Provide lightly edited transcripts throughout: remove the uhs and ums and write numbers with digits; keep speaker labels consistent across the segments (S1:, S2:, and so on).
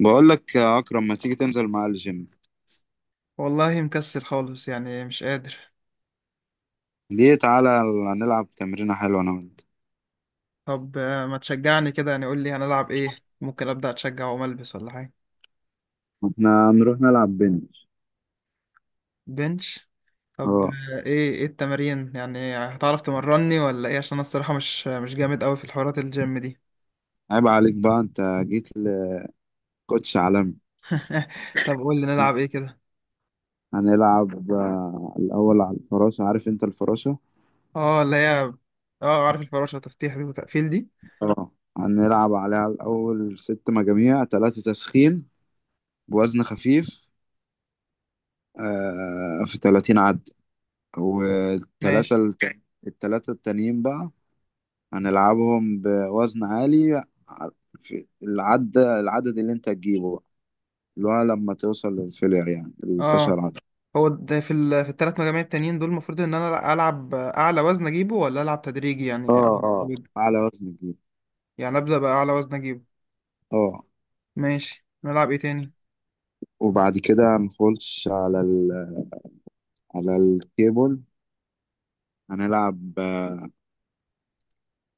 S1: بقول لك يا أكرم ما تيجي تنزل معايا الجيم؟
S2: والله مكسل خالص يعني مش قادر.
S1: ليه تعالى نلعب تمرينة حلوة أنا وأنت.
S2: طب ما تشجعني كده يعني؟ قول لي هنلعب ايه، ممكن ابدا اتشجع وأقوم ألبس ولا حاجه.
S1: احنا هنروح نلعب بنش.
S2: بنش؟ طب
S1: أه،
S2: ايه التمارين يعني؟ هتعرف تمرني ولا ايه؟ عشان انا الصراحه مش جامد قوي في الحوارات الجيم دي.
S1: عيب عليك بقى أنت جيت لكوتش عالمي.
S2: طب قول لي نلعب ايه كده.
S1: هنلعب الأول على الفراشة، عارف أنت الفراشة؟
S2: اه، اللي هي اه، عارف الفراشه؟ تفتيح دي وتقفيل دي.
S1: أه، هنلعب عليها الأول ست مجاميع، تلاتة تسخين بوزن خفيف في 30 عد، والتلاتة
S2: ماشي.
S1: الت- التلاتة التانيين بقى هنلعبهم بوزن عالي، ع- في العد، العدد اللي انت تجيبه بقى، اللي هو لما توصل للفيلير يعني الفشل
S2: اه،
S1: العضلي.
S2: هو ده في في الثلاث مجاميع التانيين دول المفروض ان انا العب اعلى وزن اجيبه ولا العب تدريجي يعني
S1: اه اه، أعلى وزن تجيبه.
S2: يعني ابدا باعلى وزن اجيبه؟
S1: اه.
S2: ماشي، نلعب ايه تاني؟
S1: وبعد كده هنخش على على الكيبل هنلعب،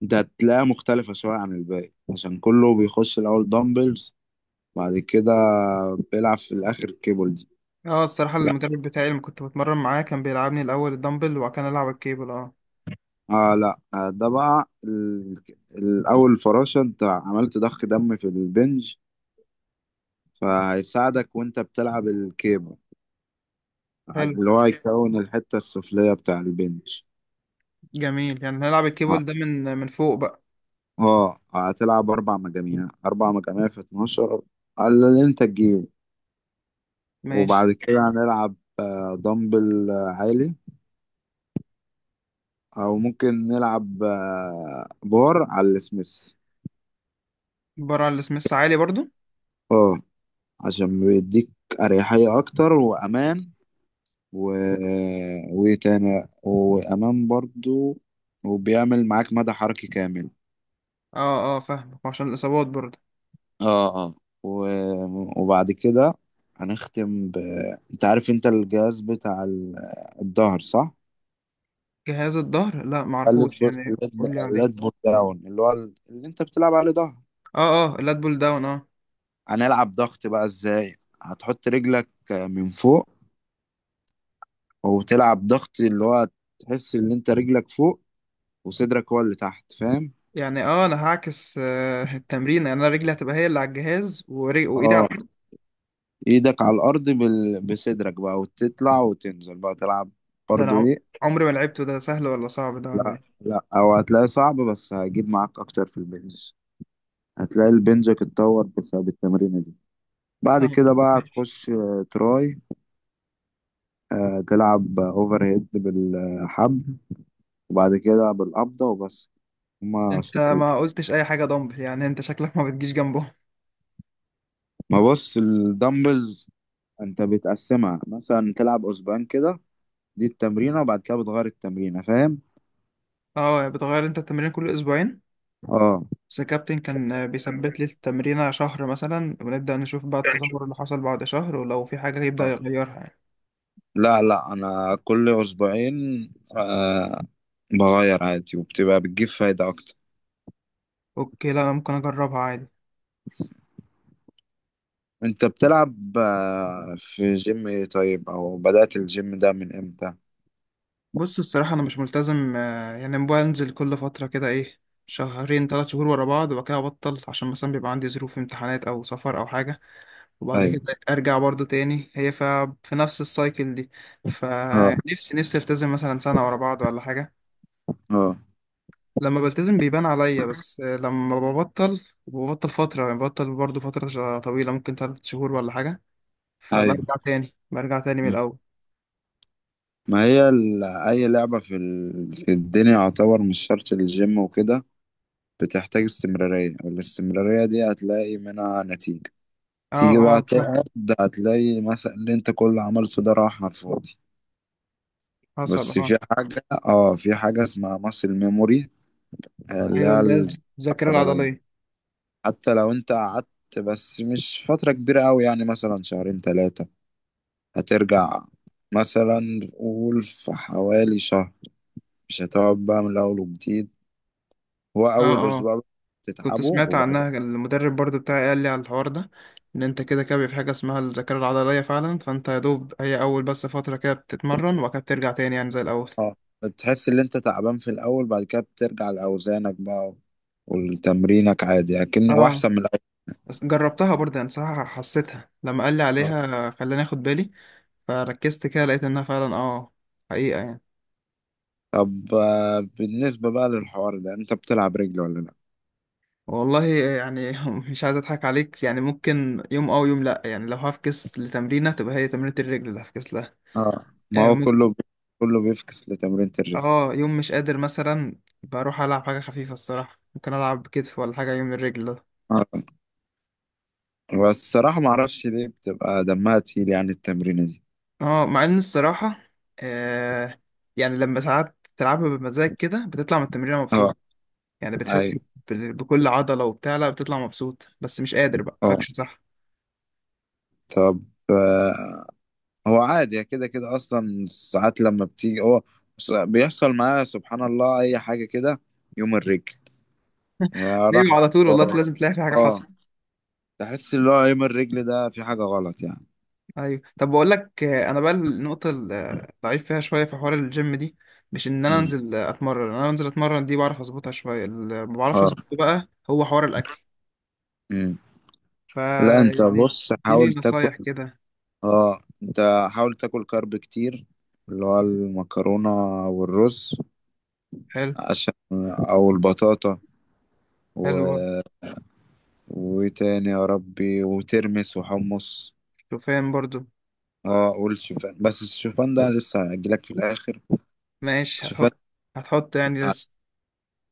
S1: ده هتلاقيها مختلفة شوية عن الباقي عشان كله بيخش الأول دمبلز، بعد كده بيلعب في الآخر الكيبل دي.
S2: اه، الصراحة
S1: لا،
S2: المدرب بتاعي اللي كنت بتمرن معاه كان بيلعبني الأول الدمبل وكان ألعب الكيبل، اه.
S1: اه لا، ده بقى الأول فراشة، انت عملت ضخ دم في البنج فهيساعدك وانت بتلعب الكيبل،
S2: حلو.
S1: اللي هو هيكون الحتة السفلية بتاع البنش.
S2: جميل، يعني هنلعب الكيبل ده من فوق بقى؟
S1: اه، هتلعب أربع مجاميع، أربع مجاميع في 12، على اللي انت تجيبه.
S2: ماشي.
S1: وبعد كده هنلعب دمبل عالي، أو ممكن نلعب بار على السميث.
S2: بره على السميث عالي برضو.
S1: اه، عشان بيديك أريحية أكتر وأمان، و... وإيه تاني، وأمان برضو، وبيعمل معاك مدى حركي كامل.
S2: اه اه، فاهمك عشان الإصابات برضو.
S1: اه اه. وبعد كده هنختم ب، انت عارف انت الجهاز بتاع الظهر، صح؟
S2: جهاز الظهر لا
S1: اللات
S2: معرفوش،
S1: بول،
S2: يعني قولي
S1: اللات
S2: عليه.
S1: بول داون، اللي هو اللي انت بتلعب عليه ظهر.
S2: اه. اه، اللات بول داون، اه.
S1: هنلعب ضغط بقى ازاي؟ هتحط رجلك من فوق وتلعب ضغط، اللي هو تحس ان انت رجلك فوق وصدرك هو اللي تحت، فاهم؟
S2: يعني اه، انا هعكس التمرين، يعني انا رجلي هتبقى هي اللي على الجهاز وايدي على
S1: اه،
S2: الارض.
S1: ايدك على الارض بصدرك بقى، وتطلع وتنزل بقى تلعب
S2: ده انا
S1: برضه.
S2: عم- عمري ما لعبته. ده سهل ولا صعب ده ولا
S1: لا
S2: ايه؟
S1: لا، او هتلاقي صعب بس هجيب معاك اكتر في البنج، هتلاقي البنج اتطور بسبب التمرينه دي. بعد
S2: آه،
S1: كده بقى تخش تراي، تلعب اوفر هيد بالحبل، وبعد كده بالقبضه وبس، هما
S2: انت
S1: شكلين.
S2: ما قلتش اي حاجه دمبل، يعني انت شكلك ما بتجيش جنبهم.
S1: ما بص الدمبلز، انت بتقسمها مثلا تلعب اسبوعين كده دي التمرينه، وبعد كده بتغير التمرينه، فاهم؟
S2: اه، بتغير انت التمرين كل اسبوعين؟
S1: اه.
S2: بس الكابتن كان بيثبت لي التمرينه شهر مثلا، ونبدا نشوف بقى التطور اللي حصل بعد شهر، ولو في حاجه يبدا
S1: اه
S2: يغيرها يعني.
S1: لا لا انا كل اسبوعين آه بغير عادي، وبتبقى بتجيب فايدة اكتر.
S2: اوكي، لا انا ممكن اجربها عادي.
S1: انت بتلعب آه في جيم ايه؟ طيب، او بدأت الجيم ده من امتى؟
S2: بص الصراحه انا مش ملتزم، يعني بنزل كل فتره كده ايه، شهرين ثلاث شهور ورا بعض، وبعد كده ابطل عشان مثلا بيبقى عندي ظروف امتحانات او سفر او حاجه. وبعد كده
S1: ايوه.
S2: ارجع برضو تاني، في نفس السايكل دي.
S1: اه
S2: فنفسي التزم مثلا سنة ورا بعض ولا حاجة.
S1: اه.
S2: لما بلتزم بيبان عليا، بس لما ببطل ببطل فترة، يعني ببطل برضو فترة طويلة ممكن تلات شهور ولا حاجة. فبرجع
S1: ايوه.
S2: تاني، برجع تاني من
S1: م.
S2: الأول.
S1: ما هي اي لعبة في في الدنيا، يعتبر مش شرط الجيم وكده، بتحتاج استمرارية، والاستمرارية دي هتلاقي منها نتيجة.
S2: اه
S1: تيجي بقى
S2: اه،
S1: تقعد،
S2: فاهم.
S1: هتلاقي مثلا اللي انت كل اللي عملته ده راح على الفاضي.
S2: حصل،
S1: بس
S2: اه.
S1: في حاجة، في حاجة اسمها ماسل ميموري، اللي
S2: ايوه،
S1: هي
S2: اللي هي
S1: الذاكرة
S2: الذاكرة
S1: العضلية.
S2: العضلية.
S1: حتى لو انت قعدت، بس مش فترة كبيرة أوي يعني، مثلا شهرين تلاتة، هترجع مثلا، قول في حوالي شهر، مش هتقعد بقى من الأول وجديد. هو
S2: اه
S1: أول
S2: اه،
S1: أسبوع
S2: كنت
S1: بتتعبه،
S2: سمعت
S1: وبعد
S2: عنها،
S1: كده
S2: المدرب برضو بتاعي قال لي على الحوار ده، ان انت كده كده بيبقى في حاجه اسمها الذاكره العضليه فعلا، فانت يا دوب هي اول بس فتره كده بتتمرن وبعد كده بترجع تاني يعني زي الاول.
S1: اه، بتحس إن أنت تعبان في الأول، بعد كده بترجع لأوزانك بقى والتمرينك عادي، لكن
S2: اه،
S1: وأحسن من الأول.
S2: بس جربتها برضه يعني، صراحه حسيتها لما قال لي عليها خلاني اخد بالي، فركزت كده لقيت انها فعلا اه، حقيقه يعني.
S1: طب بالنسبة بقى للحوار ده، أنت بتلعب رجل ولا لأ؟
S2: والله يعني مش عايز اضحك عليك، يعني ممكن يوم اه ويوم لا، يعني لو هفكس لتمرينه تبقى هي تمرينه الرجل اللي هفكس لها.
S1: اه، ما
S2: آه،
S1: هو كله بيفكس لتمرينة الرجل.
S2: اه، يوم مش قادر مثلا بروح العب حاجه خفيفه الصراحه، ممكن العب كتف ولا حاجه يوم الرجل ده.
S1: اه، بس الصراحة ما اعرفش ليه بتبقى دمها تقيل يعني التمرينة دي.
S2: اه، مع ان الصراحه آه يعني لما ساعات تلعبها بمزاج كده بتطلع من التمرين
S1: اه.
S2: مبسوط، يعني بتحس
S1: ايوه.
S2: بكل عضله وبتاع، لا بتطلع مبسوط بس مش قادر بقى،
S1: اه.
S2: فاكش صح؟
S1: طب آه. هو عادي كده كده اصلا ساعات لما بتيجي هو، بيحصل معايا سبحان الله اي حاجة كده يوم الرجل، يا
S2: ايوه
S1: رحمة.
S2: على طول والله،
S1: اه
S2: لازم تلاقي في حاجه
S1: آه.
S2: حصل.
S1: تحس اللي هو يوم الرجل ده في حاجة غلط يعني.
S2: ايوه، طب بقول لك انا بقى النقطه الضعيف فيها شويه في حوار الجيم دي، مش ان انا
S1: مم.
S2: انزل اتمرن، انا انزل اتمرن دي بعرف اظبطها شويه، اللي ما بعرفش
S1: اه.
S2: اظبطه بقى هو حوار الاكل.
S1: مم. لا انت
S2: فيعني
S1: بص
S2: اديني
S1: حاول تاكل.
S2: نصايح كده.
S1: اه، انت حاول تاكل كارب كتير، اللي هو المكرونة والرز،
S2: حلو.
S1: عشان، او البطاطا، و...
S2: حلو برضه.
S1: وتاني يا ربي، وترمس وحمص.
S2: شوفان برضه.
S1: اه والشوفان، بس الشوفان ده لسه هجيلك في الاخر.
S2: ماشي
S1: الشوفان،
S2: هتحط. هتحط يعني
S1: ه-
S2: لسه؟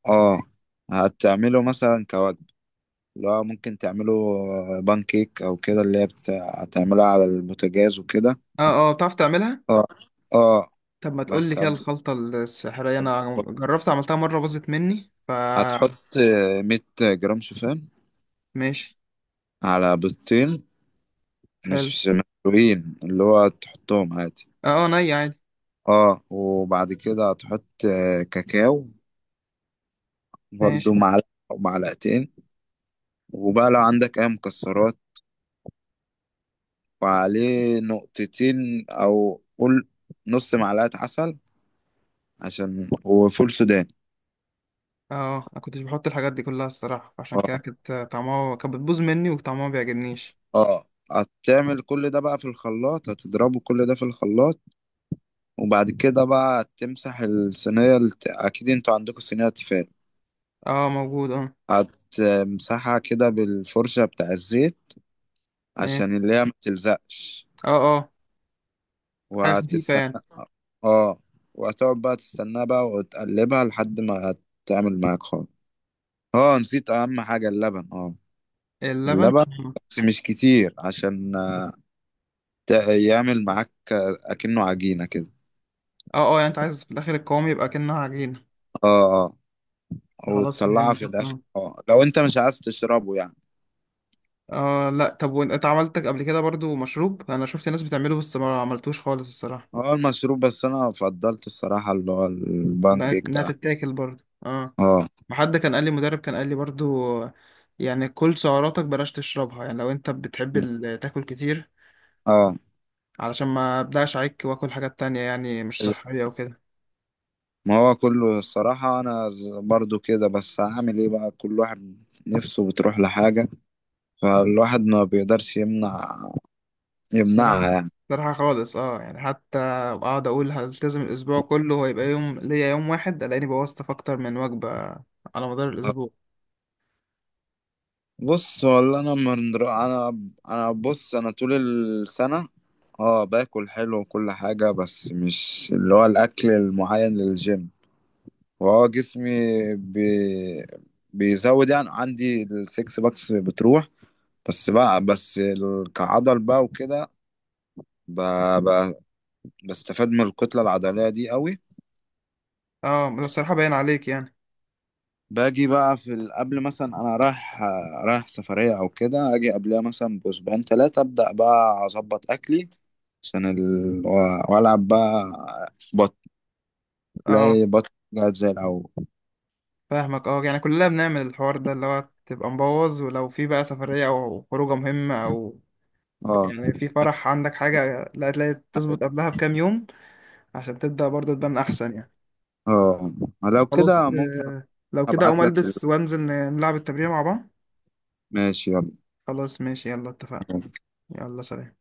S1: اه، هتعمله مثلا كوجبة، اللي هو ممكن تعمله بان كيك او كده، اللي هي هتعملها على البوتاجاز وكده.
S2: اه اه، بتعرف تعملها؟
S1: اه اه،
S2: طب ما تقول
S1: بس
S2: لي كده
S1: هت-
S2: الخلطة السحرية، انا جربت عملتها مرة باظت مني ف.
S1: هتحط 100 جرام شوفان
S2: ماشي.
S1: على بيضتين،
S2: حلو.
S1: مش مسلوقين اللي هو، تحطهم عادي.
S2: اه اه، ني عادي.
S1: اه، وبعد كده هتحط كاكاو برضو،
S2: ماشي.
S1: معلقة أو معلقتين. وبقى لو عندك أي مكسرات، وعليه نقطتين، أو قول نص معلقة عسل، عشان، وفول سوداني.
S2: اه اه، انا كنتش بحط الحاجات دي كلها الصراحة، فعشان كده
S1: اه
S2: كانت طعمها كانت بتبوظ مني وطعمها ما بيعجبنيش.
S1: اه، هتعمل كل ده بقى في الخلاط، هتضربه كل ده في الخلاط. وبعد كده بقى تمسح الصينية أكيد انتوا عندكم صينية تيفال،
S2: اه موجود، اه.
S1: هتمسحها كده بالفرشة بتاع الزيت،
S2: ماشي.
S1: عشان اللي هي ما تلزقش.
S2: اه اه. حاجة خفيفة يعني.
S1: وهتستنى، اه، وهتقعد بقى تستناها بقى وتقلبها لحد ما تعمل معاك خالص. اه، نسيت اهم حاجة، اللبن. اه،
S2: اللبن،
S1: اللبن، بس مش كتير عشان يعمل معاك اكنه عجينة كده.
S2: اه. اه، يعني انت عايز في الاخر القوام يبقى كأنها عجينة؟
S1: اه اه،
S2: خلاص
S1: وتطلعها
S2: فهمتك،
S1: في الاخر
S2: اه.
S1: اه، لو انت مش عايز تشربه يعني.
S2: لا، طب وانت عملتك قبل كده برضو مشروب، انا شفت ناس بتعمله بس ما عملتوش خالص الصراحه.
S1: اه، المشروب، بس انا فضلت الصراحة اللي هو البان
S2: بقت
S1: كيك
S2: انها
S1: ده.
S2: تتاكل برضو، اه.
S1: اه.
S2: ما حد كان قال لي، مدرب كان قال لي برضو آه، يعني كل سعراتك بلاش تشربها، يعني لو انت بتحب تاكل كتير،
S1: اه،
S2: علشان ما ابدأش عليك واكل حاجات تانية يعني مش صحيه وكده.
S1: ما هو كله الصراحة أنا برضو كده، بس هعمل إيه بقى؟ كل واحد نفسه بتروح لحاجة، فالواحد ما بيقدرش يمنع،
S2: الصراحه
S1: يمنعها يعني.
S2: خالص اه، يعني حتى اقعد اقول هلتزم الاسبوع كله، هو يبقى يوم ليا يوم واحد الاقيني بوظت في اكتر من وجبه على مدار الاسبوع.
S1: بص والله أنا أنا، أنا بص، أنا طول السنة اه باكل حلو وكل حاجة، بس مش اللي هو الأكل المعين للجيم، وهو جسمي بي... بيزود، يعني عندي السكس باكس بتروح، بس بقى، بس كعضل بقى وكده بقى بستفاد من الكتلة العضلية دي قوي.
S2: اه، ده الصراحه باين عليك يعني.
S1: باجي بقى في قبل مثلا انا رايح، سفرية او كده، اجي قبلها مثلا باسبوعين ثلاثة، ابدأ بقى اظبط اكلي عشان والعب بقى، بط،
S2: اه،
S1: تلاقي بط جات زي الاول.
S2: فاهمك، اه يعني كلنا بنعمل الحوار ده اللي هو تبقى مبوظ، ولو في بقى سفرية او خروجة مهمة او
S1: اه
S2: يعني في فرح عندك حاجة، لا تلاقي تظبط قبلها بكام يوم، عشان تبدأ برضه تبان احسن يعني.
S1: اه، لو كده
S2: خلاص
S1: ممكن،
S2: لو كده اقوم
S1: ابعت لك ال...
S2: البس وانزل نلعب التمرين مع بعض.
S1: ماشي يلا.
S2: خلاص ماشي يلا، اتفقنا. يلا سلام.